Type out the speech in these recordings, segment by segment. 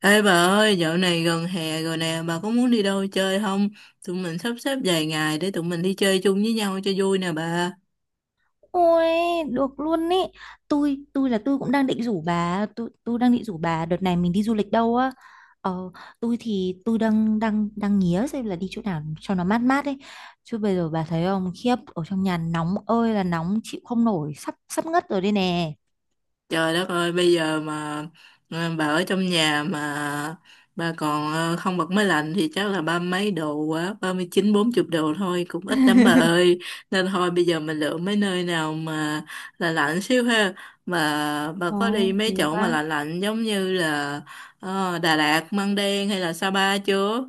Ê bà ơi, dạo này gần hè rồi nè, bà có muốn đi đâu chơi không? Tụi mình sắp xếp vài ngày để tụi mình đi chơi chung với nhau cho vui nè bà. Ôi, được luôn ý. Tôi cũng đang định rủ bà, tôi đang định rủ bà đợt này mình đi du lịch đâu á. Ờ, tôi thì tôi đang đang đang nghía xem là đi chỗ nào cho nó mát mát ấy. Chứ bây giờ bà thấy không, khiếp ở trong nhà nóng ơi là nóng chịu không nổi, sắp sắp ngất rồi đây nè. Trời đất ơi, bây giờ mà bà ở trong nhà mà bà còn không bật máy lạnh thì chắc là ba mấy độ quá, 39-40 độ thôi, cũng ít lắm bà ơi. Nên thôi bây giờ mình lựa mấy nơi nào mà là lạnh xíu ha. Mà bà Ồ, có đi mấy được chỗ mà á. là lạnh lạnh giống như là Đà Lạt, Măng Đen hay là Sa Pa chưa?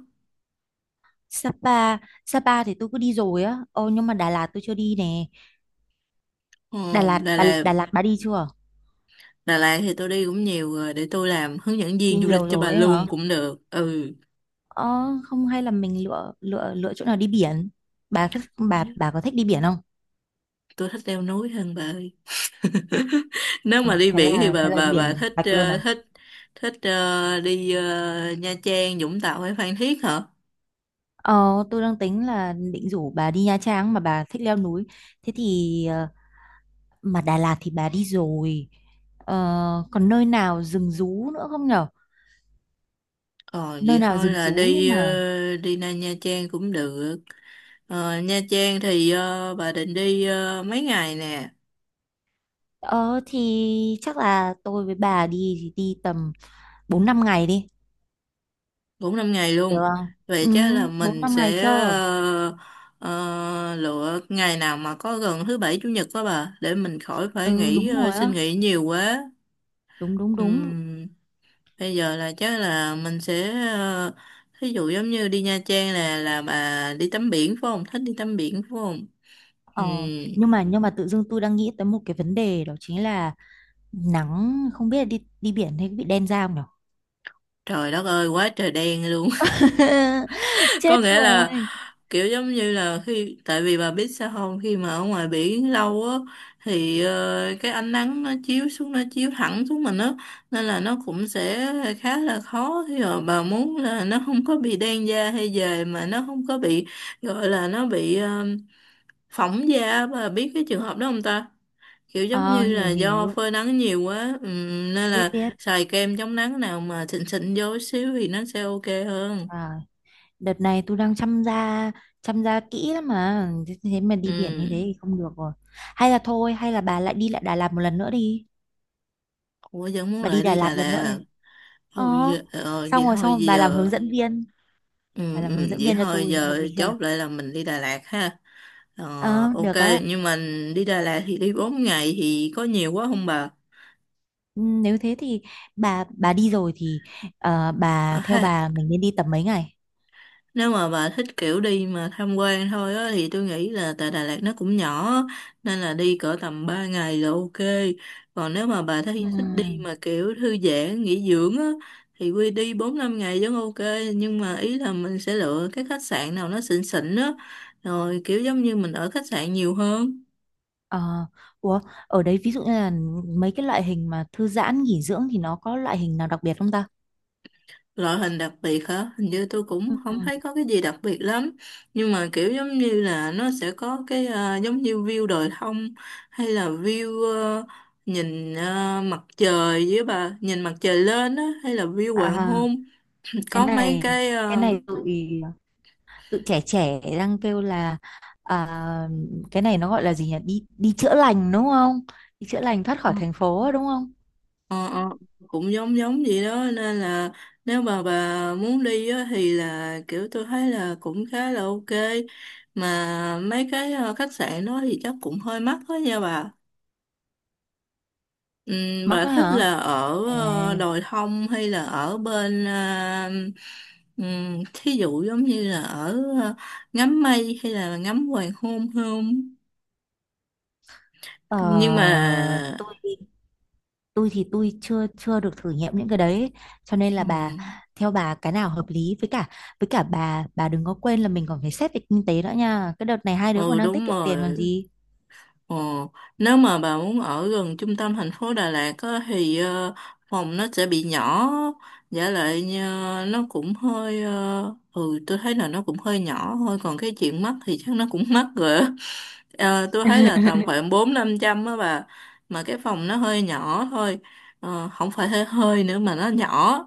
Sapa, Sapa thì tôi cứ đi rồi á. Ồ nhưng mà Đà Lạt tôi chưa đi nè. Ồ, Đà Lạt, Đà Lạt bà đi chưa? Đà Lạt thì tôi đi cũng nhiều rồi, để tôi làm hướng dẫn Đi viên du lịch nhiều cho bà rồi ấy hả? luôn cũng được. Ừ, Ờ, không hay là mình lựa lựa lựa chỗ nào đi biển bà thích- bà đấy, bà có thích đi biển không? tôi thích leo núi hơn bà ơi. Nếu Ôi, mà đi biển thì thế bà là bà bà biển thích Bạch luôn ờ, à? thích thích ờ, đi Nha Trang, Vũng Tàu hay Phan Thiết hả? ờ tôi đang tính là định rủ bà đi Nha Trang mà bà thích leo núi, thế thì mà Đà Lạt thì bà đi rồi, ờ, còn nơi nào rừng rú nữa không nhở? Ờ, Nơi vậy nào thôi rừng là rú nhưng đi mà đi ra Nha Trang cũng được. Ờ, Nha Trang thì bà định đi mấy ngày nè? ờ thì chắc là tôi với bà đi thì đi tầm bốn năm ngày đi 4-5 ngày được luôn, không? vậy ừ chắc là Bốn mình năm ngày sẽ chưa? Lựa ngày nào mà có gần thứ bảy chủ nhật đó bà để mình khỏi phải Ừ, đúng rồi xin á, nghỉ nhiều quá. đúng đúng đúng. Ừm, bây giờ là chắc là mình sẽ thí dụ giống như đi Nha Trang là bà đi tắm biển phải không, thích đi tắm biển phải không? Ờ, Ừm, nhưng mà tự dưng tôi đang nghĩ tới một cái vấn đề đó chính là nắng, không biết là đi đi biển thì có bị đen da không nhở? trời đất ơi quá trời đen luôn. Có Chết nghĩa là rồi. kiểu giống như là khi, tại vì bà biết sao không, khi mà ở ngoài biển lâu á, thì cái ánh nắng nó chiếu xuống, nó chiếu thẳng xuống mình á, nên là nó cũng sẽ khá là khó, thì rồi bà muốn là nó không có bị đen da hay dề, mà nó không có bị, gọi là nó bị phỏng da, bà biết cái trường hợp đó không ta, kiểu giống như Ờ, là hiểu do hiểu, phơi nắng nhiều quá, nên biết là biết. xài kem chống nắng nào mà xịn xịn vô xíu thì nó sẽ ok hơn. À, đợt này tôi đang chăm da kỹ lắm mà, thế thế mà đi biển như Ừ. thế thì không được rồi. Hay là thôi, hay là bà lại đi lại Đà Lạt một lần nữa đi. Ủa vẫn muốn Bà đi lại Đà đi Đà Lạt lần nữa Lạt. đi. Ờ, Ừ, giờ, xong vậy rồi, thôi bà làm hướng giờ. dẫn viên, bà Ừ, làm hướng ừ, dẫn vậy viên cho thôi tôi, hợp giờ lý chưa? chốt lại là mình đi Đà Lạt ha. Ờ, Ờ, ok được á. nhưng mà đi Đà Lạt thì đi 4 ngày thì có nhiều quá không bà? Ừ, nếu thế thì bà đi rồi thì À, bà theo ha, bà mình nên đi tầm mấy ngày? nếu mà bà thích kiểu đi mà tham quan thôi á thì tôi nghĩ là tại Đà Lạt nó cũng nhỏ á, nên là đi cỡ tầm 3 ngày là ok. Còn nếu mà bà Ừ, thấy thích đi mà kiểu thư giãn, nghỉ dưỡng á thì quy đi 4-5 ngày vẫn ok, nhưng mà ý là mình sẽ lựa cái khách sạn nào nó xịn xịn á, rồi kiểu giống như mình ở khách sạn nhiều hơn. ờ, ủa ở đấy ví dụ như là mấy cái loại hình mà thư giãn nghỉ dưỡng thì nó có loại hình nào đặc biệt không ta? Loại hình đặc biệt hả? Hình như tôi cũng không Ừm, thấy có cái gì đặc biệt lắm. Nhưng mà kiểu giống như là nó sẽ có cái giống như view đồi thông hay là view nhìn mặt trời, với bà nhìn mặt trời lên á, hay là view hoàng À, hôn. cái Có mấy này cái cái này tụi tụi trẻ trẻ đang kêu là à, cái này nó gọi là gì nhỉ? Đi đi chữa lành đúng không? Đi chữa lành thoát khỏi thành phố đúng không? ờ, ờ, cũng giống giống vậy đó, nên là nếu mà bà muốn đi á, thì là kiểu tôi thấy là cũng khá là ok. Mà mấy cái khách sạn đó thì chắc cũng hơi mắc đó nha bà. Ừ, Mắc bà ấy thích hả? là ở Ê, đồi thông hay là ở bên thí dụ giống như là ở ngắm mây hay là ngắm hoàng hôn không, ờ, nhưng mà tôi thì tôi chưa chưa được thử nghiệm những cái đấy ấy. Cho nên là ừ, bà theo bà cái nào hợp lý với cả, với cả bà đừng có quên là mình còn phải xét về kinh tế nữa nha, cái đợt này hai đứa còn ừ đang tiết đúng kiệm tiền còn rồi. gì. Ồ, nếu mà bà muốn ở gần trung tâm thành phố Đà Lạt á, thì phòng nó sẽ bị nhỏ, giả lại như nó cũng hơi, tôi thấy là nó cũng hơi nhỏ thôi, còn cái chuyện mắc thì chắc nó cũng mắc rồi á. Ờ, tôi thấy là tầm khoảng 4-500 á bà, mà cái phòng nó hơi nhỏ thôi. Ờ, không phải hơi hơi nữa mà nó nhỏ.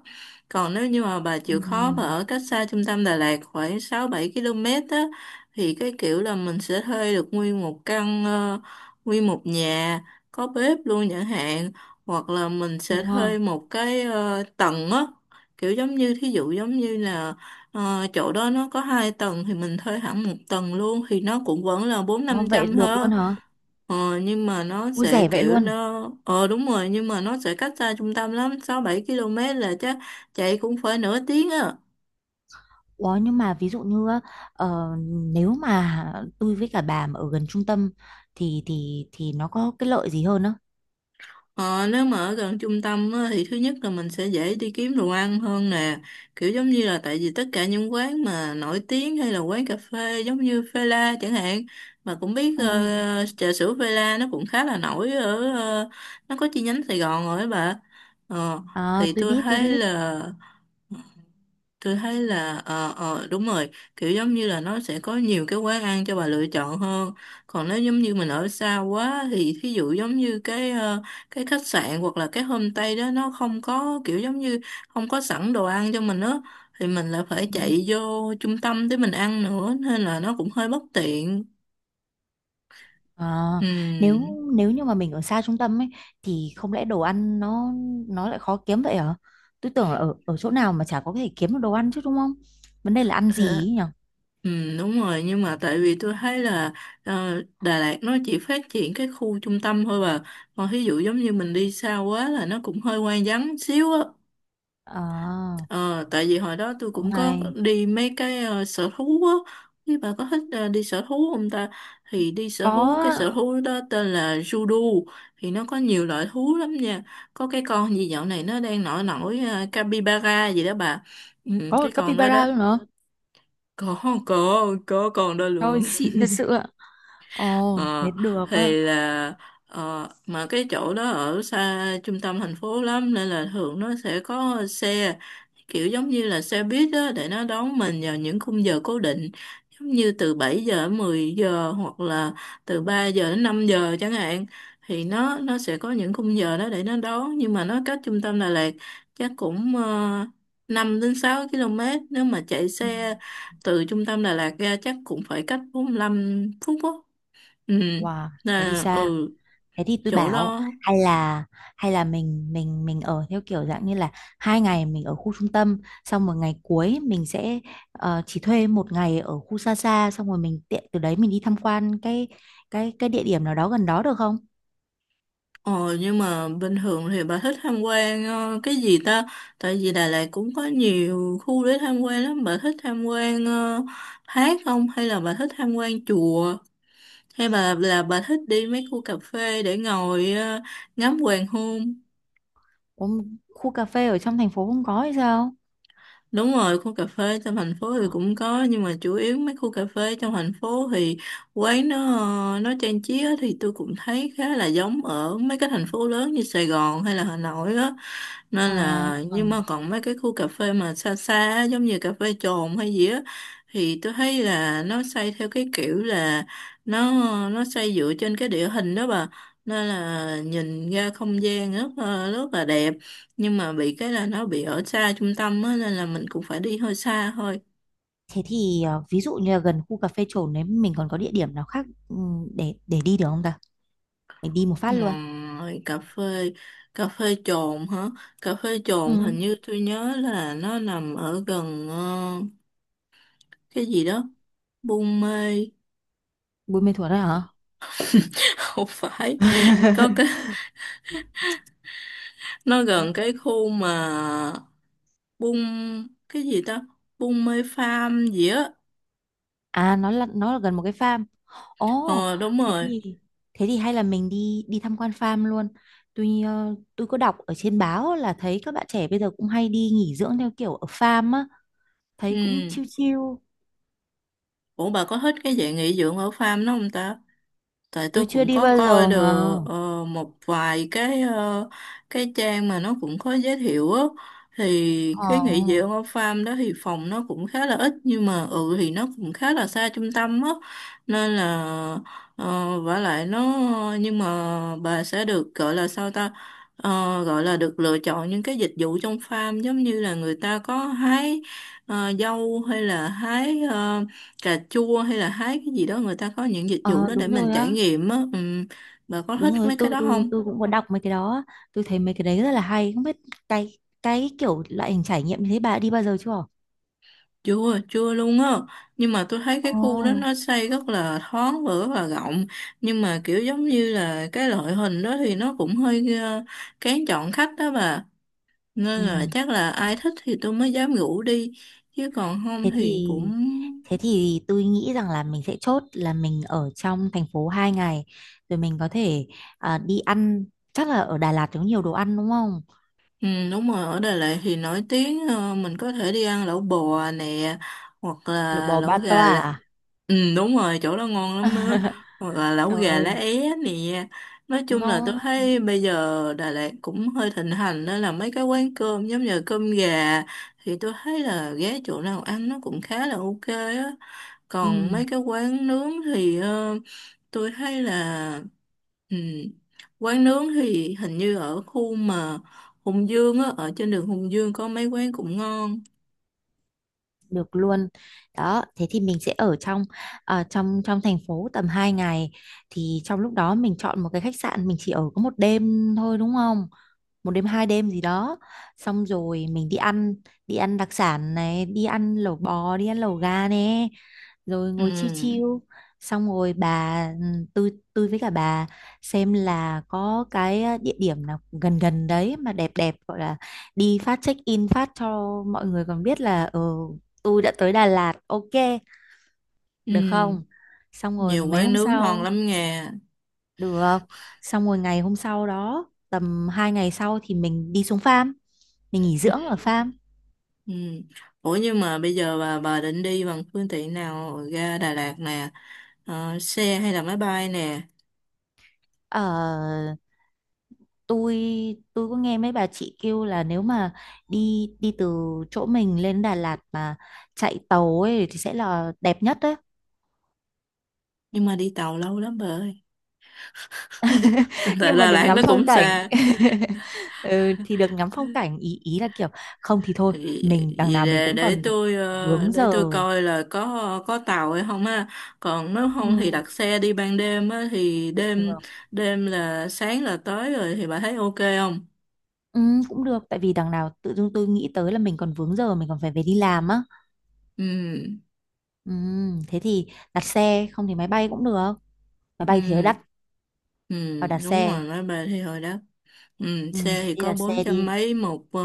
Còn nếu như mà bà chịu khó mà Ừ. ở cách xa trung tâm Đà Lạt khoảng 6-7 km á, thì cái kiểu là mình sẽ thuê được nguyên một nhà có bếp luôn chẳng hạn, hoặc là mình Ồ, sẽ thuê một cái tầng á, kiểu giống như thí dụ giống như là chỗ đó nó có hai tầng thì mình thuê hẳn một tầng luôn thì nó cũng vẫn là bốn ồ, năm vậy trăm được thôi. luôn hả? Nhưng mà nó Ui sẽ rẻ vậy kiểu luôn! nó đúng rồi, nhưng mà nó sẽ cách xa trung tâm lắm, 6-7 km là chắc, chạy cũng phải nửa tiếng á. Ủa nhưng mà ví dụ như á, ờ, nếu mà tôi với cả bà mà ở gần trung tâm thì nó có cái lợi gì hơn á? Ờ, nếu mà ở gần trung tâm á, thì thứ nhất là mình sẽ dễ đi kiếm đồ ăn hơn nè, kiểu giống như là tại vì tất cả những quán mà nổi tiếng hay là quán cà phê giống như Phê La chẳng hạn, mà cũng biết Ừ, trà sữa Phê La nó cũng khá là nổi ở nó có chi nhánh Sài Gòn rồi á bà. ờ, à, thì tôi tôi thấy biết. là, đúng rồi, kiểu giống như là nó sẽ có nhiều cái quán ăn cho bà lựa chọn hơn. Còn nếu giống như mình ở xa quá thì thí dụ giống như cái khách sạn hoặc là cái homestay đó nó không có kiểu giống như không có sẵn đồ ăn cho mình á, thì mình lại phải chạy vô trung tâm để mình ăn nữa, nên là nó cũng hơi bất tiện. Ờ, Ừ. nếu nếu như mà mình ở xa trung tâm ấy thì không lẽ đồ ăn nó lại khó kiếm vậy hả? Tôi tưởng là ở ở chỗ nào mà chả có thể kiếm được đồ ăn chứ đúng không? Vấn đề là ăn gì Hả? ấy nhỉ? Ừ, đúng rồi, nhưng mà tại vì tôi thấy là Đà Lạt nó chỉ phát triển cái khu trung tâm thôi bà, còn ví dụ giống như mình đi xa quá là nó cũng hơi hoang vắng xíu á. À, Ờ, tại vì hồi đó tôi cũng cũng có hay. đi mấy cái sở thú á. Thì bà có thích đi sở thú không ta? Thì đi sở thú, cái sở Có thú đó tên là Judo, thì nó có nhiều loại thú lắm nha, có cái con gì dạo này nó đang nổi nổi capybara gì đó bà. Ừ, có cái cả con đó đó, capybara luôn nữa. có có còn đó Thôi luôn. xịn thật sự ạ. Ồ, thế Ờ, được thì á. là mà cái chỗ đó ở xa trung tâm thành phố lắm, nên là thường nó sẽ có xe, kiểu giống như là xe buýt đó để nó đón mình vào những khung giờ cố định, giống như từ 7 giờ đến 10 giờ hoặc là từ 3 giờ đến 5 giờ chẳng hạn, thì nó sẽ có những khung giờ đó để nó đón, nhưng mà nó cách trung tâm Đà Lạt chắc cũng 5 đến 6 km. Nếu mà chạy Ừ. xe từ trung tâm Đà Lạt ra chắc cũng phải cách 45 phút á. Ừ, Wow, thế đi là xa. Thế thì tôi chỗ bảo đó. hay là, mình ở theo kiểu dạng như là hai ngày mình ở khu trung tâm, xong một ngày cuối mình sẽ chỉ thuê một ngày ở khu xa xa, xong rồi mình tiện từ đấy mình đi tham quan cái địa điểm nào đó gần đó được không? Ờ nhưng mà bình thường thì bà thích tham quan cái gì ta, tại vì Đà Lạt cũng có nhiều khu để tham quan lắm, bà thích tham quan thác không hay là bà thích tham quan chùa, hay bà thích đi mấy khu cà phê để ngồi ngắm hoàng hôn? Có một khu cà phê ở trong thành phố không có hay sao? Đúng rồi, khu cà phê trong thành phố thì cũng có, nhưng mà chủ yếu mấy khu cà phê trong thành phố thì quán nó trang trí á, thì tôi cũng thấy khá là giống ở mấy cái thành phố lớn như Sài Gòn hay là Hà Nội á. Ờ, Nên là, ờ. nhưng mà còn mấy cái khu cà phê mà xa xa á, giống như cà phê Trồn hay gì á, thì tôi thấy là nó xây theo cái kiểu là nó nó xây dựa trên cái địa hình đó bà. Nên là nhìn ra không gian rất là đẹp, nhưng mà bị cái là nó bị ở xa trung tâm á, nên là mình cũng phải đi hơi xa thôi. Thế thì ví dụ như là gần khu cà phê Trồn đấy mình còn có địa điểm nào khác để đi được không ta? Mình đi một phát luôn. Ngoài cà phê Trồn hả, cà phê Trồn Ừ. hình như tôi nhớ là nó nằm ở gần cái gì đó, Buôn Mê. Buôn Mê Thuột đấy hả? Không phải, có cái nó gần cái khu mà Buôn cái gì ta, Buôn Mê Farm gì á. À, nó là gần một cái farm. Ồ, Ờ đúng thế rồi. thì, hay là mình đi đi tham quan farm luôn. Tuy ờ, tôi có đọc ở trên báo là thấy các bạn trẻ bây giờ cũng hay đi nghỉ dưỡng theo kiểu ở farm á, thấy cũng Ừ. chill chill. Ủa bà có thích cái dạng nghỉ dưỡng ở farm đó không ta? Tại tôi Tôi chưa cũng đi có bao coi giờ mà. được một vài cái cái trang mà nó cũng có giới thiệu á, thì cái Ờ, nghỉ dưỡng ở farm đó thì phòng nó cũng khá là ít, nhưng mà thì nó cũng khá là xa trung tâm á, nên là vả lại nó, nhưng mà bà sẽ được gọi là sao ta. Ờ, gọi là được lựa chọn những cái dịch vụ trong farm giống như là người ta có hái dâu hay là hái cà chua hay là hái cái gì đó, người ta có những dịch vụ ờ đó để đúng mình rồi trải á, nghiệm á. Ừ, bà có đúng thích rồi. mấy cái Tôi đó tôi không? tôi cũng có đọc mấy cái đó á. Tôi thấy mấy cái đấy rất là hay. Không biết cái, kiểu loại hình trải nghiệm như thế bà đã đi bao giờ chưa? Chưa chưa luôn á, nhưng mà tôi thấy cái Ồ. khu đó nó xây rất là thoáng và rất là rộng, nhưng mà kiểu giống như là cái loại hình đó thì nó cũng hơi kén chọn khách đó bà, nên là Ừ. chắc là ai thích thì tôi mới dám rủ đi, chứ còn không Thế thì thì, cũng. Tôi nghĩ rằng là mình sẽ chốt là mình ở trong thành phố 2 ngày, rồi mình có thể à, đi ăn, chắc là ở Đà Lạt có nhiều đồ ăn đúng không? Ừ, đúng rồi, ở Đà Lạt thì nổi tiếng mình có thể đi ăn lẩu bò nè hoặc Lẩu là bò ba lẩu À, gà. toa à? Ừ đúng rồi chỗ đó ngon lắm á. Hoặc là lẩu Trời gà lá ơi. é nè. Nói chung là tôi Ngon. thấy bây giờ Đà Lạt cũng hơi thịnh hành, đó là mấy cái quán cơm giống như cơm gà. Thì tôi thấy là ghé chỗ nào ăn nó cũng khá là ok á. Ừ, Còn mấy cái quán nướng thì tôi thấy là, ừ, quán nướng thì hình như ở khu mà Hùng Dương á, ở trên đường Hùng Dương có mấy quán cũng ngon. được luôn. Đó, thế thì mình sẽ ở trong trong trong thành phố tầm 2 ngày, thì trong lúc đó mình chọn một cái khách sạn mình chỉ ở có một đêm thôi đúng không, một đêm hai đêm gì đó, xong rồi mình đi ăn, đi ăn đặc sản này, đi ăn lẩu bò, đi ăn lẩu gà nè, rồi ngồi chiêu Ừ, chiêu, xong rồi bà tôi, với cả bà xem là có cái ờ, địa điểm nào gần gần đấy mà đẹp đẹp gọi là đi phát check in phát cho mọi người còn biết là ừ, tôi đã tới Đà Lạt, ok được ừ, không? Xong rồi nhiều mấy quán hôm nướng ngon sau lắm nghe. được. Xong rồi ngày hôm sau đó, tầm 2 ngày sau thì mình đi xuống farm. Mình nghỉ dưỡng ở farm. Ừ. Ủa nhưng mà bây giờ bà định đi bằng phương tiện nào ra Đà Lạt nè? Xe hay là máy bay nè? Ờ, tôi tôi có nghe mấy bà chị kêu là nếu mà đi đi từ chỗ mình lên Đà Lạt mà chạy tàu ấy thì sẽ là đẹp nhất đấy. Nhưng mà đi tàu lâu lắm bà ơi, tại Nhưng mà Đà đừng Lạt ngắm nó phong cũng cảnh. xa. Ừ, thì được ngắm phong cảnh ý, ý là kiểu không thì thôi, vì, mình đằng vì nào mình cũng còn vướng để giờ. tôi coi là có tàu hay không á, còn nếu không thì Ừ. đặt xe đi ban đêm á, thì đêm Được. đêm là sáng là tới rồi, thì bà thấy ok không? Ừ, cũng được tại vì đằng nào tự dưng tôi nghĩ tới là mình còn vướng giờ, mình còn phải về đi làm á. Ừ Ừ, thế thì đặt xe không thì máy bay cũng được, máy bay thì hơi ừ đắt, ừ vào đặt đúng xe. rồi, máy bay thì hồi đó. Ừ, Ừ, xe thế thì thì có đặt bốn xe trăm đi. mấy một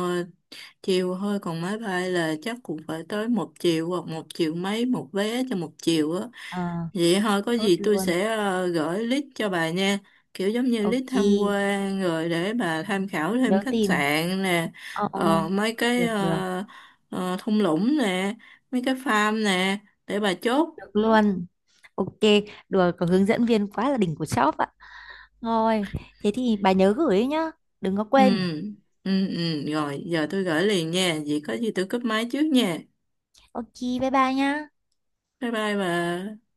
chiều thôi, còn máy bay là chắc cũng phải tới 1 triệu hoặc một triệu mấy một vé cho một chiều á. À, Vậy thôi có chốt gì tôi luôn. sẽ gửi list cho bà nha, kiểu giống như list Ok, tham quan, rồi để bà tham khảo thêm nhớ khách tìm sạn nè, ờ ờ, mấy cái được, được thung lũng nè, mấy cái farm nè, để bà chốt. được luôn. Ok. Được có hướng dẫn viên quá là đỉnh của shop ạ. Rồi, thế thì bà nhớ gửi ấy nhá, đừng có Ừ. quên. Ừ ừ, rồi giờ tôi gửi liền nha, vậy có gì tôi cúp máy trước nha. Ok, bye bye nhá. Bye bye bà.